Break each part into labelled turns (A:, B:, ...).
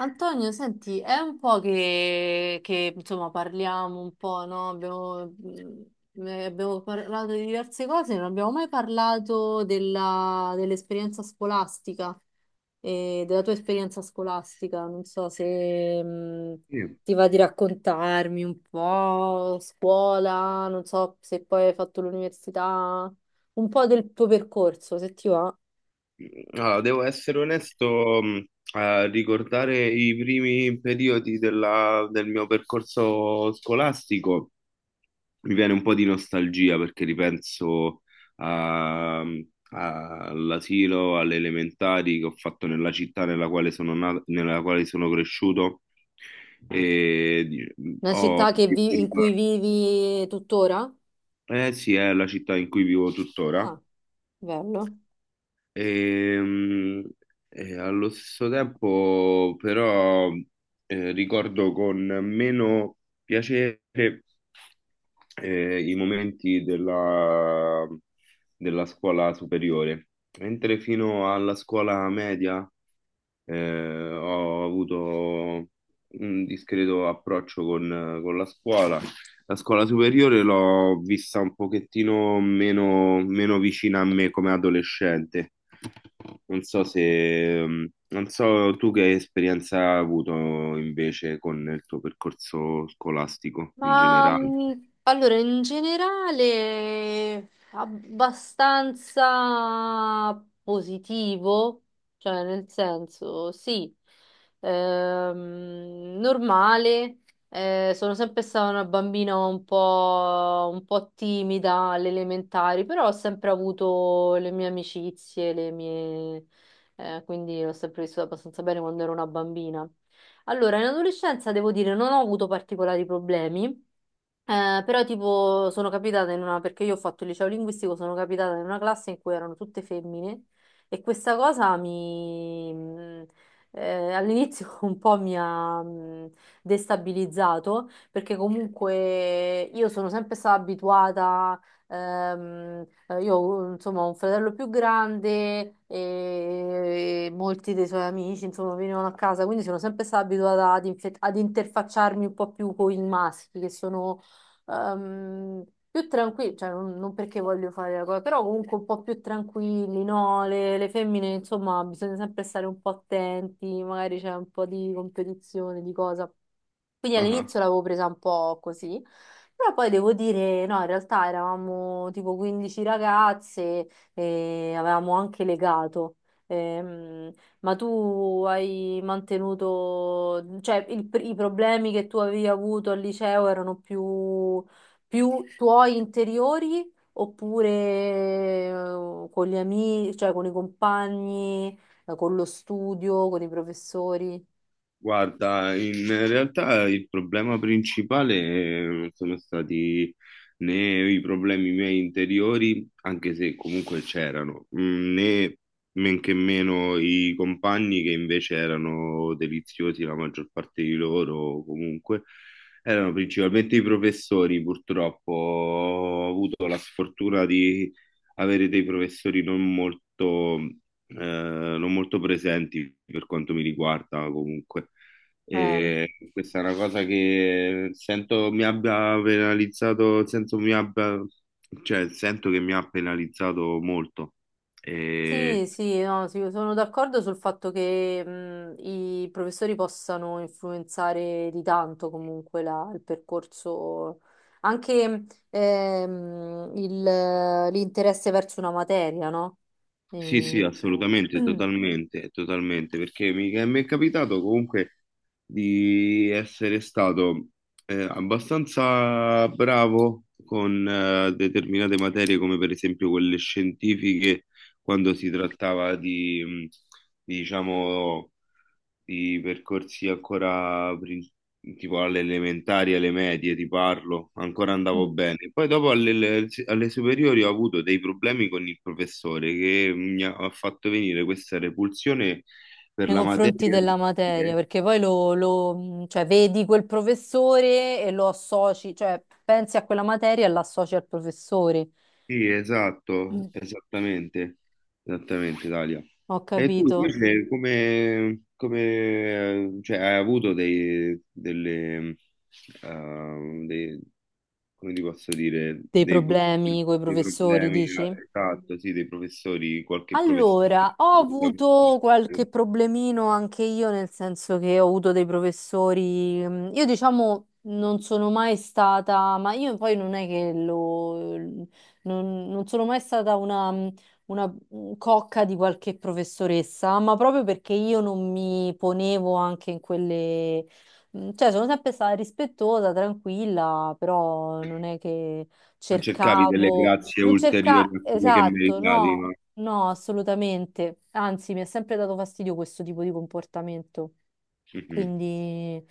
A: Antonio, senti, è un po' che, insomma parliamo un po', no? Abbiamo, abbiamo parlato di diverse cose, non abbiamo mai parlato dell'esperienza scolastica e della tua esperienza scolastica. Non so se,
B: Sì.
A: ti va di raccontarmi un po' scuola, non so se poi hai fatto l'università, un po' del tuo percorso, se ti va.
B: Allora, devo essere onesto. A ricordare i primi periodi del mio percorso scolastico mi viene un po' di nostalgia, perché ripenso a- mm, all'asilo, alle elementari che ho fatto nella città nella quale sono nato, nella quale sono cresciuto e di-
A: Una
B: ho...
A: città che in cui vivi tuttora?
B: Eh sì, è la città in cui vivo tuttora.
A: Ah, bello.
B: Ehm, E, allo stesso tempo, però, ricordo con meno piacere i momenti della scuola superiore, mentre fino alla scuola media ho avuto un discreto approccio con la scuola. La scuola superiore l'ho vista un pochettino meno vicina a me come adolescente. Non so tu che esperienza hai avuto invece con il tuo percorso scolastico in
A: Ma
B: generale.
A: allora, in generale abbastanza positivo, cioè nel senso, sì, normale, sono sempre stata una bambina un po' timida alle elementari, però ho sempre avuto le mie amicizie, quindi l'ho sempre vissuta abbastanza bene quando ero una bambina. Allora, in adolescenza devo dire non ho avuto particolari problemi, però tipo sono capitata in una, perché io ho fatto il liceo linguistico, sono capitata in una classe in cui erano tutte femmine e questa cosa all'inizio un po' mi ha destabilizzato perché comunque io sono sempre stata abituata, io ho, insomma ho un fratello più grande e molti dei suoi amici insomma venivano a casa, quindi sono sempre stata abituata ad interfacciarmi un po' più con i maschi che sono ehm, più tranquilli, cioè non, non perché voglio fare la cosa, però comunque un po' più tranquilli, no? Le femmine, insomma, bisogna sempre stare un po' attenti, magari c'è un po' di competizione, di cosa. Quindi all'inizio l'avevo presa un po' così, però poi devo dire, no, in realtà eravamo tipo 15 ragazze e avevamo anche legato. Ehm, ma tu hai mantenuto, cioè il i problemi che tu avevi avuto al liceo erano più, più tuoi interiori oppure con gli amici, cioè con i compagni, con lo studio, con i professori?
B: Guarda, in realtà il problema principale non sono stati né i problemi miei interiori, anche se comunque c'erano, né men che meno i compagni, che invece erano deliziosi, la maggior parte di loro comunque. Erano principalmente i professori. Purtroppo ho avuto la sfortuna di avere dei professori eh, non molto presenti, per quanto mi riguarda comunque.
A: Eh.
B: E questa è una cosa che sento mi abbia penalizzato, cioè sento che mi ha penalizzato molto.
A: Sì,
B: E
A: sì, no, sì, sono d'accordo sul fatto che i professori possano influenzare di tanto comunque il percorso, anche ehm, il- l'interesse verso una materia, no?
B: sì, sì,
A: Eh,
B: assolutamente, totalmente, totalmente, perché mi è capitato comunque di essere stato abbastanza bravo con determinate materie, come per esempio quelle scientifiche, quando si trattava diciamo di percorsi ancora tipo alle elementari, alle medie, ti parlo, ancora andavo
A: Mm.
B: bene. Poi dopo alle superiori ho avuto dei problemi con il professore che mi ha fatto venire questa repulsione per
A: Nei
B: la
A: confronti
B: materia.
A: della materia, perché poi cioè, vedi quel professore e lo associ, cioè pensi a quella materia e l'associ al professore.
B: Sì, esatto,
A: Mm.
B: esattamente, esattamente, Dalia.
A: Ho
B: E tu
A: capito.
B: invece come, cioè, hai avuto eh, dei- come ti posso dire,
A: Dei problemi coi
B: dei
A: professori,
B: problemi,
A: dici?
B: esatto, sì, dei professori, qualche professore che.
A: Allora, ho avuto qualche problemino anche io, nel senso che ho avuto dei professori, io diciamo non sono mai stata, ma io poi non è che non, non sono mai stata una, una cocca di qualche professoressa, ma proprio perché io non mi ponevo anche in quelle, cioè sono sempre stata rispettosa, tranquilla, però non è che
B: Non cercavi delle
A: cercavo.
B: grazie
A: Non
B: ulteriori
A: cerca,
B: a quelle che
A: esatto,
B: meritavi,
A: no.
B: no?
A: No, assolutamente. Anzi, mi ha sempre dato fastidio questo tipo di comportamento.
B: Mhm.
A: Quindi,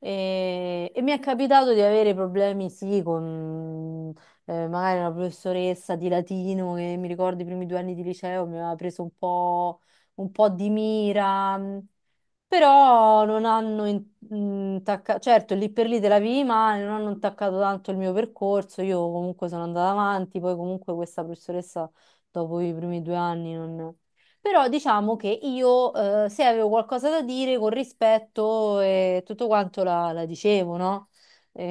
A: e mi è capitato di avere problemi, sì, con magari una professoressa di latino che mi ricordo i primi 2 anni di liceo mi aveva preso un po' di mira. Però non hanno intaccato, certo, lì per lì te la vivi male, non hanno intaccato tanto il mio percorso, io comunque sono andata avanti, poi comunque questa professoressa dopo i primi 2 anni non... Però diciamo che io se avevo qualcosa da dire con rispetto e tutto quanto la dicevo, no? E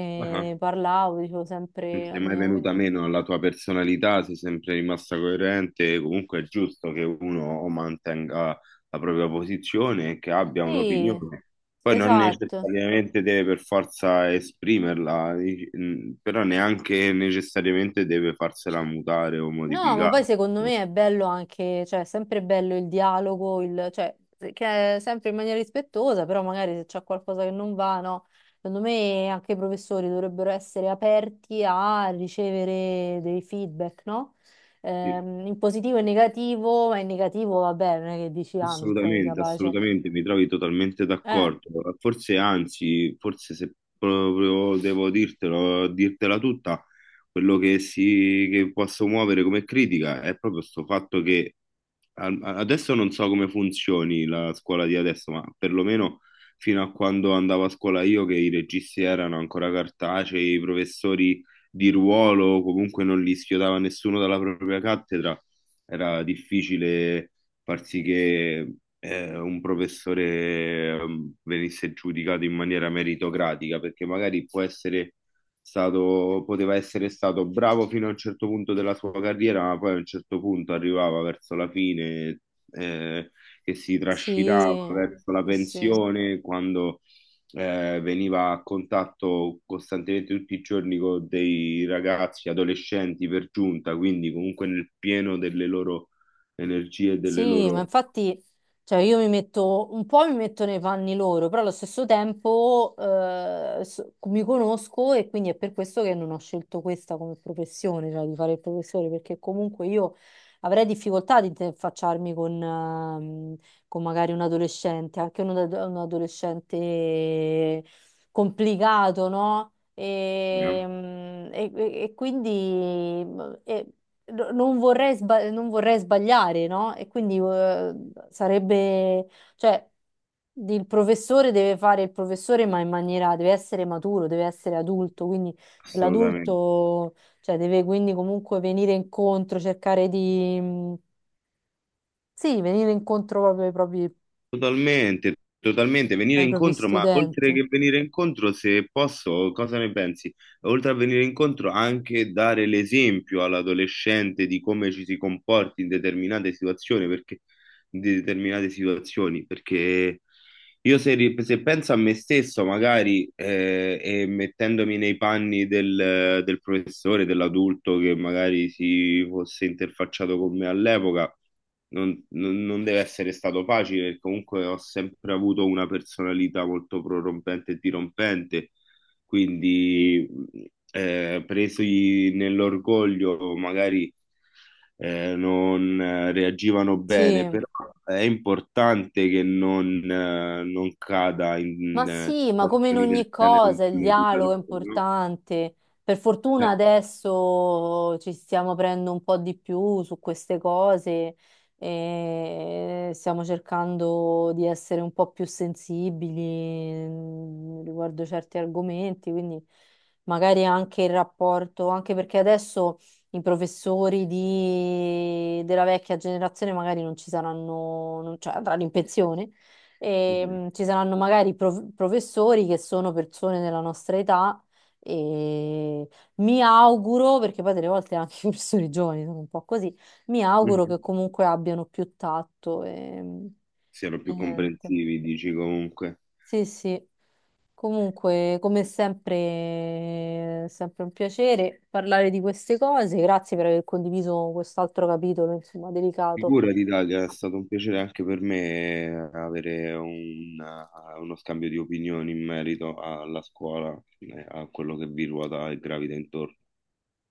A: ne parlavo, dicevo
B: Non
A: sempre
B: ti
A: la
B: è mai
A: mia,
B: venuta
A: quindi
B: meno la tua personalità, sei sempre rimasta coerente, e comunque è giusto che uno o mantenga la propria posizione e che abbia
A: sì,
B: un'opinione. Poi non
A: esatto.
B: necessariamente deve per forza esprimerla, però neanche necessariamente deve farsela mutare o
A: No, ma poi
B: modificare.
A: secondo me è bello anche, cioè, è sempre bello il dialogo, cioè, che è sempre in maniera rispettosa, però magari se c'è qualcosa che non va, no? Secondo me anche i professori dovrebbero essere aperti a ricevere dei feedback, no?
B: Sì.
A: In positivo e negativo, ma in negativo, vabbè, non è che dici, ah, non sei
B: Assolutamente,
A: capace.
B: assolutamente, mi trovi totalmente
A: Eh,
B: d'accordo. Forse, anzi, forse se proprio devo dirtela tutta, quello che, si, che posso muovere come critica è proprio sto fatto che, adesso non so come funzioni la scuola di adesso, ma perlomeno fino a quando andavo a scuola io, che i registi erano ancora cartacei, i professori di ruolo comunque non li schiodava nessuno dalla propria cattedra. Era difficile far sì che un professore venisse giudicato in maniera meritocratica, perché magari poteva essere stato bravo fino a un certo punto della sua carriera, ma poi a un certo punto arrivava verso la fine, eh, che si trascinava
A: sì,
B: verso la
A: sì, sì.
B: pensione, quando veniva a contatto costantemente tutti i giorni con dei ragazzi, adolescenti per giunta, quindi comunque nel pieno delle loro energie e delle
A: Sì, ma
B: loro...
A: infatti, cioè io mi metto un po' mi metto nei panni loro, però allo stesso tempo mi conosco e quindi è per questo che non ho scelto questa come professione, cioè di fare il professore, perché comunque io avrei difficoltà ad interfacciarmi con magari un adolescente, anche un adolescente complicato, no?
B: eh,
A: E quindi non vorrei, non vorrei sbagliare, no? E quindi sarebbe, cioè, il professore deve fare il professore, ma in maniera, deve essere maturo, deve essere adulto, quindi
B: Assolutamente.
A: l'adulto, cioè, deve quindi comunque venire incontro, cercare di, sì, venire incontro proprio
B: Totalmente, totalmente, venire
A: ai propri
B: incontro, ma oltre
A: studenti.
B: che venire incontro, se posso, cosa ne pensi? Oltre a venire incontro, anche dare l'esempio all'adolescente di come ci si comporti in determinate situazioni, perché, in determinate situazioni, perché io, se penso a me stesso, magari, e mettendomi nei panni del professore, dell'adulto che magari si fosse interfacciato con me all'epoca, non deve essere stato facile, perché comunque ho sempre avuto una personalità molto prorompente e dirompente, quindi presi nell'orgoglio magari non reagivano bene,
A: Sì.
B: però è importante che non cada
A: Ma
B: in
A: sì, ma come in
B: situazioni
A: ogni
B: del genere un
A: cosa il dialogo è
B: educatore, no?
A: importante. Per fortuna
B: Eh,
A: adesso ci stiamo aprendo un po' di più su queste cose e stiamo cercando di essere un po' più sensibili riguardo certi argomenti, quindi magari anche il rapporto, anche perché adesso i professori della vecchia generazione magari non ci saranno, cioè andranno in pensione. E,
B: mhm,
A: ci saranno magari professori che sono persone della nostra età e mi auguro, perché poi delle volte anche i professori giovani sono un po' così, mi auguro che
B: mhm.
A: comunque abbiano più tatto
B: Siano
A: e
B: più
A: niente.
B: comprensivi, dici comunque.
A: Sì, sì. Comunque, come sempre, è sempre un piacere parlare di queste cose. Grazie per aver condiviso quest'altro capitolo, insomma, delicato.
B: Figurati, Dalia, è stato un piacere anche per me avere uno scambio di opinioni in merito alla scuola, a quello che vi ruota e gravita intorno.